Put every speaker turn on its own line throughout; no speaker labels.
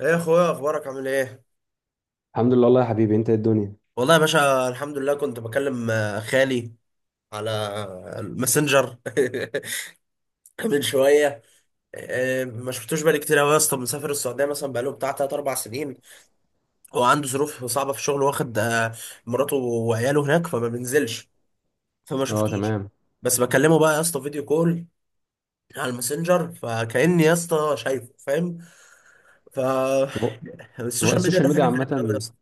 ايه يا اخويا، اخبارك؟ عامل ايه؟
الحمد لله والله يا حبيبي، انت ايه الدنيا؟
والله يا باشا الحمد لله. كنت بكلم خالي على الماسنجر. من شويه. ما شفتوش بقالي كتير قوي يا اسطى، مسافر السعوديه مثلا بقاله بتاع 3 4 سنين. هو عنده ظروف صعبه في الشغل، واخد مراته وعياله هناك فما بينزلش. فما
اه،
شفتوش.
تمام.
بس بكلمه بقى يا اسطى فيديو كول على الماسنجر، فكأني يا اسطى شايفه. فاهم؟ ف
هو هو
السوشيال ميديا
السوشيال
ده
ميديا
حاجه غريبه قوي يا
عامة.
اسطى.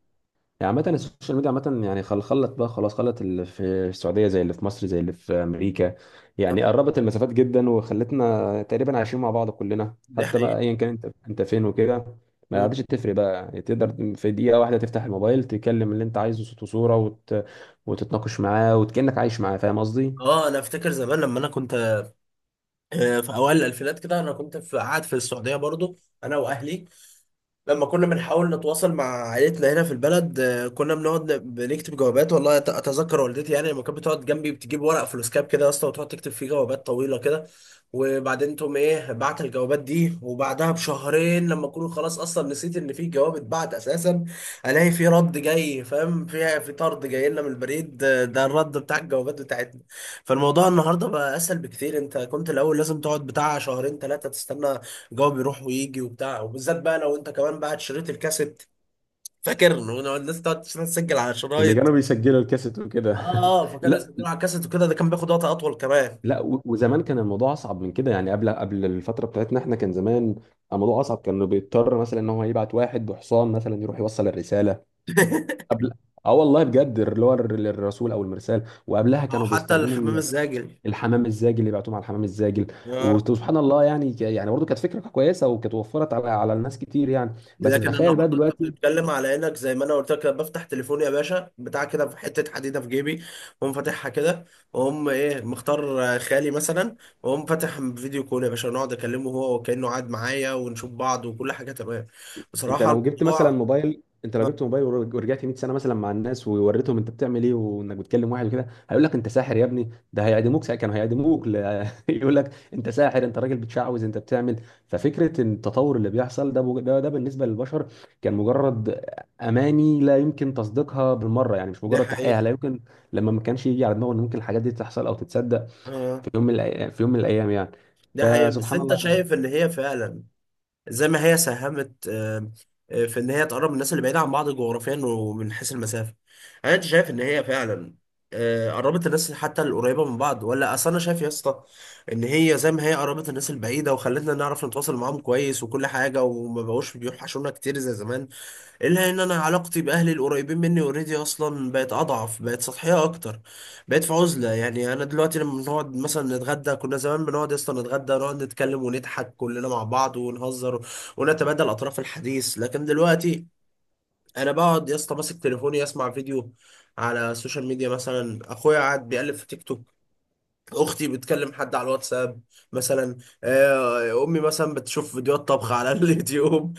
يعني عامة السوشيال ميديا عامة، يعني خلت بقى خلاص، خلت اللي في السعودية زي اللي في مصر زي اللي في أمريكا. يعني قربت المسافات جدا وخلتنا تقريبا عايشين مع بعض كلنا،
دي
حتى ما
حقيقة.
أيا كان انت فين وكده. ما
مم.
عادش تفرق بقى، تقدر في دقيقة واحدة تفتح الموبايل تكلم اللي انت عايزه صوت وصورة وتتناقش معاه وكأنك عايش معاه، فاهم قصدي؟
اه، انا افتكر زمان لما انا كنت في اوائل الالفينات كده، انا كنت قاعد في السعوديه برضو، انا واهلي. لما كنا بنحاول نتواصل مع عائلتنا هنا في البلد، كنا بنقعد بنكتب جوابات. والله اتذكر والدتي يعني لما كانت بتقعد جنبي بتجيب ورق فلوسكاب كده يا اسطى، وتقعد تكتب فيه جوابات طويله كده. وبعدين تقوم ايه، بعت الجوابات دي، وبعدها بشهرين لما اكون خلاص اصلا نسيت ان في جواب اتبعت اساسا، الاقي في رد جاي، فاهم؟ فيها في طرد جاي لنا من البريد، ده الرد بتاع الجوابات بتاعتنا. فالموضوع النهارده بقى اسهل بكتير. انت كنت الاول لازم تقعد بتاع شهرين 3 تستنى جو بيروح ويجي وبتاع. وبالذات بقى لو انت كمان بقى شريط الكاسيت، فاكر لو الناس تقعد تسجل على
اللي
شرايط.
كانوا بيسجلوا الكاسيت وكده.
اه. اه، فكانوا يسجلوا على الكاسيت وكده، ده كان بياخد وقت اطول كمان.
لا، وزمان كان الموضوع اصعب من كده. يعني قبل الفتره بتاعتنا احنا، كان زمان الموضوع اصعب، كانوا بيضطر مثلا ان هو يبعت واحد بحصان مثلا يروح يوصل الرساله. قبل، اه والله بجد، اللي هو الرسول او المرسال. وقبلها
او
كانوا
حتى
بيستخدموا
الحمام الزاجل.
الحمام الزاجل، اللي بيبعتوهم على الحمام الزاجل.
اه.
وسبحان الله، يعني يعني برضه كانت فكره كويسه، وكانت وفرت على الناس كتير يعني. بس
لكن
تخيل بقى
النهارده انت
دلوقتي،
بتتكلم على انك زي ما انا قلت لك، أنا بفتح تليفوني يا باشا بتاع كده في حته حديده في جيبي، واقوم فاتحها كده، واقوم ايه، مختار خالي مثلا، واقوم فاتح فيديو كول يا باشا، نقعد اكلمه هو وكانه قاعد معايا، ونشوف بعض وكل حاجه تمام
انت
بصراحه
لو جبت مثلا
الموضوع.
موبايل، انت لو جبت موبايل ورجعت 100 سنه مثلا مع الناس ووريتهم انت بتعمل ايه، وانك بتكلم واحد وكده، هيقول لك انت ساحر يا ابني، ده هيعدموك ساعة، كانوا هيعدموك يقول لك انت ساحر، انت راجل بتشعوذ، انت بتعمل. ففكره ان التطور اللي بيحصل ده ده بالنسبه للبشر كان مجرد اماني لا يمكن تصديقها بالمره. يعني مش
دي
مجرد تحقيقها
حقيقة.
لا يمكن، لما ما كانش يجي على دماغه ان ممكن الحاجات دي تحصل او تتصدق
اه،
في في يوم من الايام يعني.
دي حقيقة. بس
فسبحان
انت
الله.
شايف ان هي فعلا زي ما هي ساهمت في ان هي تقرب الناس اللي بعيدة عن بعض جغرافيا ومن حيث المسافة، انت شايف ان هي فعلا قربت الناس حتى القريبة من بعض؟ ولا اصل انا شايف يا اسطى ان هي زي ما هي قربت الناس البعيدة وخلتنا نعرف نتواصل معاهم كويس وكل حاجة وما بقوش بيوحشونا كتير زي زمان، الا ان انا علاقتي باهلي القريبين مني اوريدي اصلا بقت اضعف، بقت سطحيه اكتر، بقت في عزله. يعني انا دلوقتي لما بنقعد مثلا نتغدى، كنا زمان بنقعد اصلا نتغدى، نقعد نتكلم ونضحك كلنا مع بعض ونهزر ونتبادل اطراف الحديث. لكن دلوقتي انا بقعد يا اسطى ماسك تليفوني اسمع فيديو على السوشيال ميديا، مثلا اخويا قاعد بيقلب في تيك توك، اختي بتكلم حد على الواتساب مثلا، امي مثلا بتشوف فيديوهات طبخ على اليوتيوب.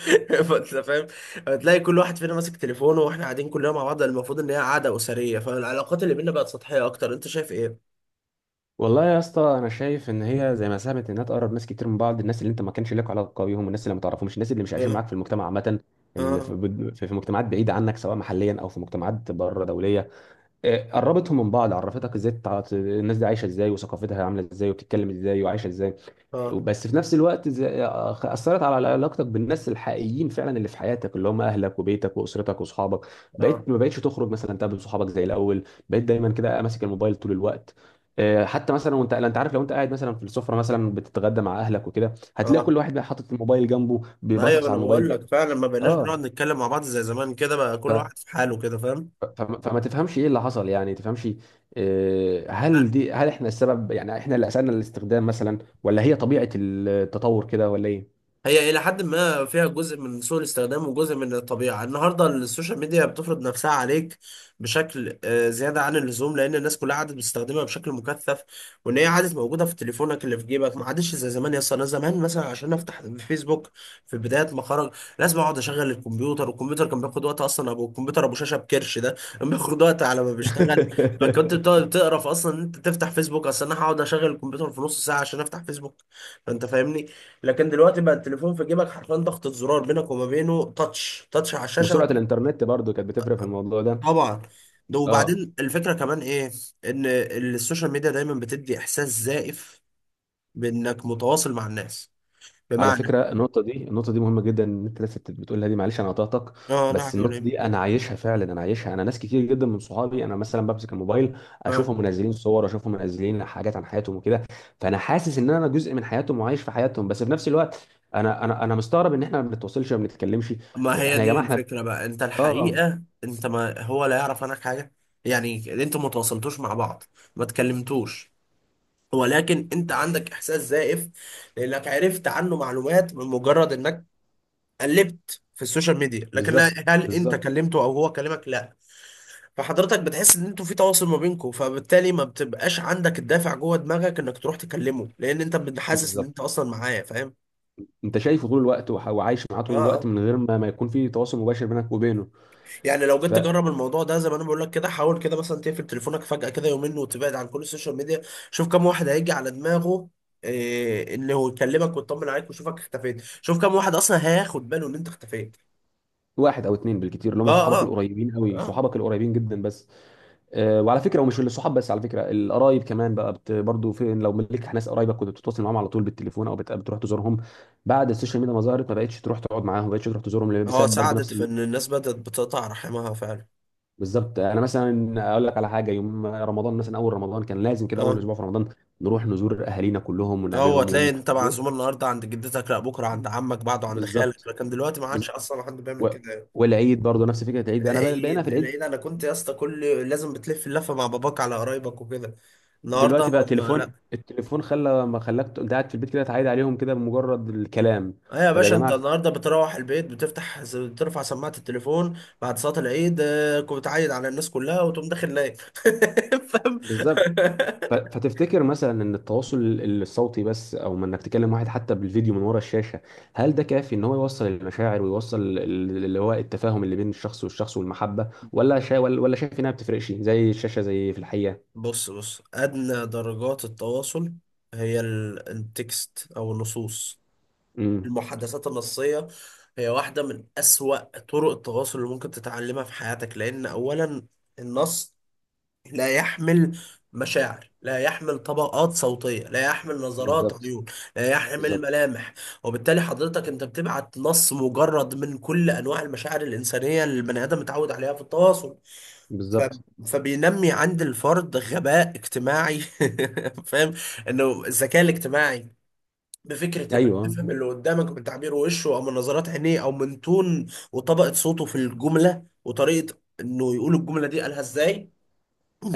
فانت فاهم، هتلاقي كل واحد فينا ماسك تليفونه واحنا قاعدين كلنا مع بعض، المفروض ان هي قعده اسريه. فالعلاقات اللي بينا بقت سطحيه اكتر. انت شايف ايه؟
والله يا اسطى انا شايف ان هي زي ما ساهمت انها تقرب ناس كتير من بعض، الناس اللي انت ما كانش لك علاقه بيهم، والناس اللي ما تعرفهمش، الناس اللي مش عايشين
اه،
معاك في المجتمع عامه، اللي
اه،
في, في مجتمعات بعيده عنك، سواء محليا او في مجتمعات بره دوليه. آه، قربتهم من بعض، عرفتك ازاي الناس دي عايشه ازاي، وثقافتها عامله ازاي، وبتتكلم ازاي، وعايشه ازاي.
اه،
بس في نفس الوقت اثرت على علاقتك بالناس الحقيقيين فعلا، اللي في حياتك، اللي هم اهلك وبيتك واسرتك وصحابك.
اه،
بقيت ما بقتش تخرج مثلا تقابل صحابك زي الاول، بقيت دايما كده ماسك الموبايل طول الوقت. آه، حتى مثلا وانت لا، انت عارف، لو انت قاعد مثلا في السفره مثلا بتتغدى مع اهلك وكده، هتلاقي
اه،
كل واحد بقى حاطط الموبايل جنبه
ايوه
بيبصص على
انا
الموبايل
بقول لك فعلا ما بقيناش
اه.
بنقعد نتكلم مع بعض زي زمان كده، بقى كل
ف...
واحد في حاله كده. فاهم؟
فما فما تفهمش ايه اللي حصل، يعني تفهمش، آه، هل دي، هل احنا السبب؟ يعني احنا اللي اسالنا الاستخدام مثلا، ولا هي طبيعه التطور كده، ولا ايه؟
هي إلى حد ما فيها جزء من سوء الاستخدام وجزء من الطبيعة. النهاردة السوشيال ميديا بتفرض نفسها عليك بشكل زيادة عن اللزوم، لأن الناس كلها عادت بتستخدمها بشكل مكثف، وإن هي عادت موجودة في تليفونك اللي في جيبك. ما عادش زي زمان يا اسطى، أنا زمان مثلا عشان أفتح فيسبوك في بداية ما خرج، لازم أقعد أشغل الكمبيوتر، والكمبيوتر كان بياخد وقت أصلا. أبو الكمبيوتر أبو شاشة بكرش ده كان بياخد وقت على ما بيشتغل. فكنت بتقعد تقرف أصلا إن أنت تفتح فيسبوك أصلا، أنا هقعد أشغل الكمبيوتر في نص ساعة عشان أفتح فيسبوك. فأنت فاهمني. لكن دلوقتي بقى التليفون في جيبك، حرفيا ضغطة زرار بينك وما بينه، تاتش تاتش على الشاشة
وسرعه الانترنت برضو كانت بتفرق في الموضوع ده.
طبعا. ده
اه.
وبعدين الفكرة كمان ايه، ان السوشيال ميديا دايما بتدي احساس زائف بانك متواصل مع الناس،
على
بمعنى،
فكره، النقطه دي مهمه جدا، ان انت لسه بتقولها دي، معلش انا قطعتك.
اه لا
بس
حد ولا
النقطه دي
إيه.
انا عايشها فعلا، انا عايشها. انا ناس كتير جدا من صحابي، انا مثلا بمسك الموبايل
اه،
اشوفهم منزلين صور، اشوفهم منزلين حاجات عن حياتهم وكده، فانا حاسس ان انا جزء من حياتهم وعايش في حياتهم. بس في نفس الوقت، انا مستغرب ان احنا ما بنتواصلش، ما بنتكلمش.
ما هي
احنا يا
دي
جماعه احنا،
الفكرة بقى. انت
اه.
الحقيقة، انت ما هو لا يعرف عنك حاجة، يعني انت ما تواصلتوش مع بعض، ما تكلمتوش، ولكن انت عندك احساس زائف لانك عرفت عنه معلومات من مجرد انك قلبت في السوشيال ميديا. لكن
بالظبط.
هل انت
بالظبط.
كلمته او هو كلمك؟ لا. فحضرتك بتحس ان انتوا في تواصل ما بينكم، فبالتالي ما بتبقاش عندك الدافع جوه دماغك انك تروح تكلمه، لان انت بتحسس ان
بالظبط.
انت اصلا معاه. فاهم؟
انت شايفه طول الوقت وعايش معاه
اه،
طول الوقت،
اه،
من غير ما يكون في تواصل مباشر بينك وبينه.
يعني لو جيت تجرب الموضوع ده زي ما انا بقول لك كده، حاول كده مثلا تقفل تليفونك فجأة كده يومين وتبعد عن كل السوشيال ميديا، شوف كم واحد هيجي على دماغه إيه انه يكلمك ويطمن عليك، ويشوفك اختفيت. شوف كم واحد اصلا هياخد باله ان انت اختفيت.
فواحد او اتنين بالكتير، اللي
اه،
هم صحابك
اه،
القريبين قوي،
اه،
صحابك القريبين جدا بس. آه، وعلى فكره، ومش الصحاب بس، على فكره القرايب كمان بقى، بت برضه، في لو ملك ناس قرايبك كنت بتتواصل معاهم على طول بالتليفون، او بتروح تزورهم. بعد السوشيال ميديا ما ظهرت، ما بقتش تروح تقعد معاهم، ما بقتش تروح تزورهم،
اه،
بسبب برضه
ساعدت
نفس
في ان الناس بدأت بتقطع رحمها فعلا.
بالظبط. انا مثلا اقول لك على حاجه، يوم رمضان مثلا، اول رمضان كان لازم كده، اول
اه.
اسبوع في رمضان نروح نزور اهالينا كلهم
هو
ونقابلهم
تلاقي انت معزوم النهارده عند جدتك، لا بكره عند عمك، بعده عند خالك.
بالظبط.
لكن دلوقتي ما عادش اصلا حد بيعمل
و...
كده.
والعيد برضه نفس فكره العيد، انا بقى بقينا
العيد
في العيد،
العيد انا كنت يا اسطى كل، لازم بتلف اللفه مع باباك على قرايبك وكده. النهارده
دلوقتي بقى
ما
تليفون،
لا.
التليفون خلى، ما خلاك انت قاعد في البيت كده تعيد عليهم كده بمجرد الكلام.
ايه يا
طب يا
باشا، انت
جماعه،
النهارده بتروح البيت بتفتح بترفع سماعه التليفون بعد صلاه العيد. كنت بتعيد على الناس كلها وتقوم داخل نايم. فاهم؟
بالظبط. فتفتكر مثلا ان التواصل الصوتي بس، او ما انك تكلم واحد حتى بالفيديو من ورا الشاشه، هل ده كافي ان هو يوصل المشاعر ويوصل اللي هو التفاهم اللي بين الشخص والشخص والمحبه، ولا ولا شايف انها ما بتفرقش، زي الشاشه زي في الحقيقه.
بص بص، أدنى درجات التواصل هي التكست أو النصوص،
امم.
المحادثات النصية، هي واحدة من أسوأ طرق التواصل اللي ممكن تتعلمها في حياتك. لأن أولا، النص لا يحمل مشاعر، لا يحمل طبقات صوتية، لا يحمل نظرات
بالظبط.
عيون، لا يحمل
بالظبط.
ملامح. وبالتالي حضرتك أنت بتبعت نص مجرد من كل أنواع المشاعر الإنسانية اللي البني آدم متعود عليها في التواصل. ف...
بالظبط.
فبينمي عند الفرد غباء اجتماعي. فاهم؟ انه الذكاء الاجتماعي بفكره انك
ايوه.
تفهم اللي قدامك من تعبير وشه، او من نظرات عينيه، او من تون وطبقه صوته في الجمله، وطريقه انه يقول الجمله دي قالها ازاي،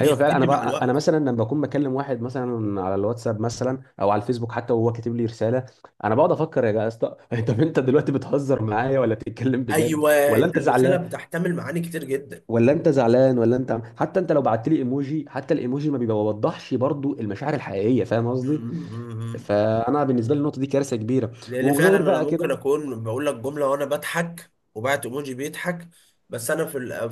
ايوه فعلا. انا
مع
بقى، انا
الوقت.
مثلا لما بكون بكلم واحد مثلا على الواتساب مثلا او على الفيسبوك حتى، وهو كاتب لي رساله، انا بقعد افكر يا اسطى، طب انت دلوقتي بتهزر معايا ولا بتتكلم بجد،
ايوه،
ولا
انت
انت
الرساله
زعلان؟
بتحتمل معاني كتير جدا.
ولا انت حتى، انت لو بعت لي ايموجي، حتى الايموجي ما بيوضحش برضو المشاعر الحقيقيه، فاهم قصدي؟ فانا بالنسبه لي النقطه دي كارثه كبيره.
لان فعلا
وغير
انا
بقى
ممكن
كده،
اكون بقول لك جمله وانا بضحك وبعت ايموجي بيضحك، بس انا في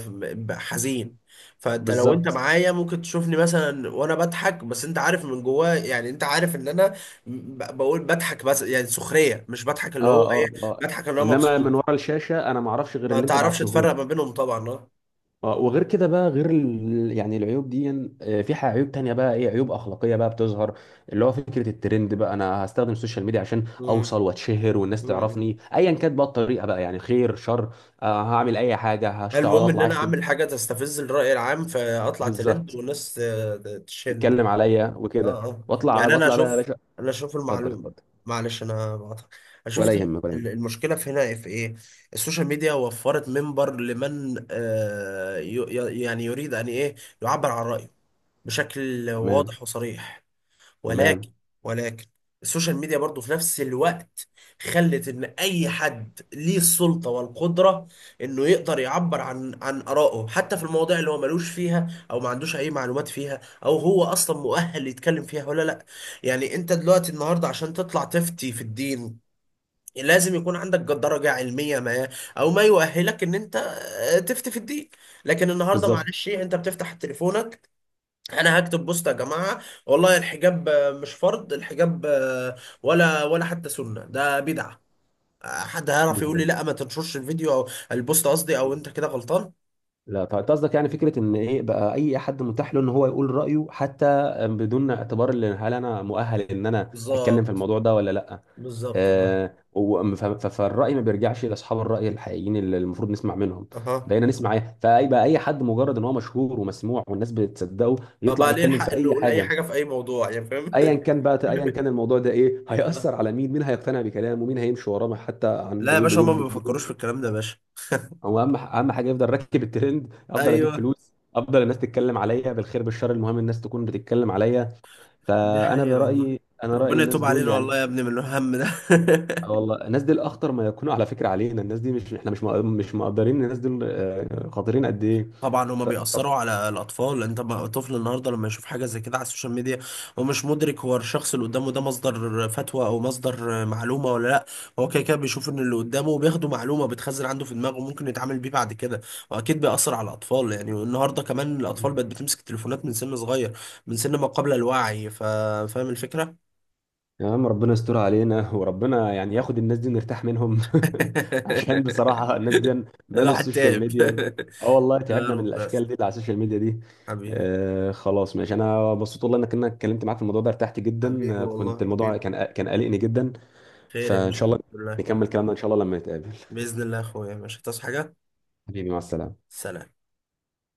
حزين. فانت لو انت
بالظبط.
معايا ممكن تشوفني مثلا وانا بضحك، بس انت عارف من جواه، يعني انت عارف ان انا بقول بضحك، بس يعني سخريه، مش بضحك اللي هو
اه اه
ايه،
اه.
بضحك اللي هو
انما
مبسوط.
من ورا الشاشه انا ما اعرفش غير
ما
اللي انت
تعرفش
بعته.
تفرق ما بينهم طبعا. اه.
آه، وغير كده بقى، غير يعني العيوب دي، آه، في عيوب تانية بقى، ايه عيوب اخلاقية بقى بتظهر، اللي هو فكرة الترند بقى، انا هستخدم السوشيال ميديا عشان
مم.
اوصل واتشهر والناس
مم.
تعرفني، ايا كانت بقى الطريقة بقى، يعني خير شر، آه، هعمل اي حاجة، هشتغل،
المهم ان
اطلع
انا
اشتم،
اعمل حاجه تستفز الراي العام، فاطلع ترند،
بالظبط،
والناس تشن.
تتكلم عليا وكده،
اه، اه،
واطلع
يعني انا
واطلع بقى يا
اشوف
باشا.
انا اشوف
اتفضل
المعلوم.
اتفضل.
معلش انا بقطع. انا
ولا
شفت
يهمك، ولا يهمك.
المشكله في هنا في ايه. السوشيال ميديا وفرت منبر لمن يعني يريد ان ايه، يعبر عن رايه بشكل
تمام.
واضح وصريح. ولكن
تمام.
ولكن السوشيال ميديا برضو في نفس الوقت خلت ان اي حد ليه السلطة والقدرة انه يقدر يعبر عن ارائه، حتى في المواضيع اللي هو ملوش فيها، او ما عندوش اي معلومات فيها، او هو اصلا مؤهل يتكلم فيها ولا لا. يعني انت دلوقتي النهاردة عشان تطلع تفتي في الدين، لازم يكون عندك درجة علمية ما، او ما يؤهلك ان انت تفتي في الدين. لكن النهاردة
بالظبط.
معلش إيه، انت بتفتح تليفونك، انا هكتب بوست يا جماعه، والله الحجاب مش فرض، الحجاب ولا حتى سنه، ده بدعه، حد هيعرف يقول لي
بالظبط.
لا ما تنشرش الفيديو او البوست قصدي، او انت كده غلطان؟
لا طيب، أنت قصدك يعني فكره ان ايه بقى، اي حد متاح له ان هو يقول رايه، حتى بدون اعتبار اللي هل انا مؤهل ان انا اتكلم في
بالظبط،
الموضوع ده ولا لا.
بالظبط، اه،
آه، فالراي ما بيرجعش لاصحاب الراي الحقيقيين اللي المفروض نسمع منهم.
اها،
بقينا نسمع ايه؟ فاي بقى، اي حد مجرد ان هو مشهور ومسموع والناس بتصدقه يطلع
بقى ليه
يتكلم
الحق
في
انه
اي
يقول اي
حاجه،
حاجه في اي موضوع، يعني فاهم؟
ايا كان بقى، ايا كان الموضوع ده ايه، هيأثر على مين، مين هيقتنع بكلامه، مين هيمشي وراه، حتى عن
لا يا باشا، هما ما
بدون.
بيفكروش في الكلام ده يا باشا.
هو اهم حاجه يفضل راكب الترند، افضل اجيب
ايوه.
فلوس، افضل الناس تتكلم عليا بالخير بالشر، المهم الناس تكون بتتكلم عليا.
دي
فانا
حقيقة والله.
برايي، انا رايي
ربنا
الناس
يتوب
دول
علينا والله
يعني،
يا ابني من الهم ده.
آه والله الناس دي الاخطر ما يكونوا على فكره علينا، الناس دي مش احنا مش مش مقدرين الناس دول، آه، خطيرين قد ايه.
طبعا هما بيأثروا على الأطفال. أنت طفل النهاردة لما يشوف حاجة زي كده على السوشيال ميديا، هو مش مدرك هو الشخص اللي قدامه ده مصدر فتوى أو مصدر معلومة ولا لأ. هو كده كده بيشوف إن اللي قدامه بياخده معلومة بتخزن عنده في دماغه، ممكن يتعامل بيه بعد كده. وأكيد بيأثر على الأطفال. يعني النهاردة كمان
ف...
الأطفال بقت بتمسك تليفونات من سن صغير، من سن ما قبل الوعي. فاهم الفكرة؟
يا عم ربنا يستر علينا، وربنا يعني ياخد الناس دي نرتاح منهم. عشان بصراحة الناس دي مالوا
الواحد
السوشيال
تعب.
ميديا. اه والله
يا
تعبنا من
رب بس.
الاشكال دي اللي على السوشيال ميديا دي.
حبيبي.
آه خلاص ماشي، انا مبسوط والله انك اتكلمت معاك في الموضوع ده، ارتحت
حبيبي،
جدا، آه،
والله
كنت الموضوع
حبيبي.
كان قلقني جدا.
خير يا
فان
باشا،
شاء
الحمد
الله
لله.
نكمل كلامنا ان شاء الله لما نتقابل.
بإذن الله يا أخويا، مش هتصحى حاجة.
حبيبي، مع السلامة.
سلام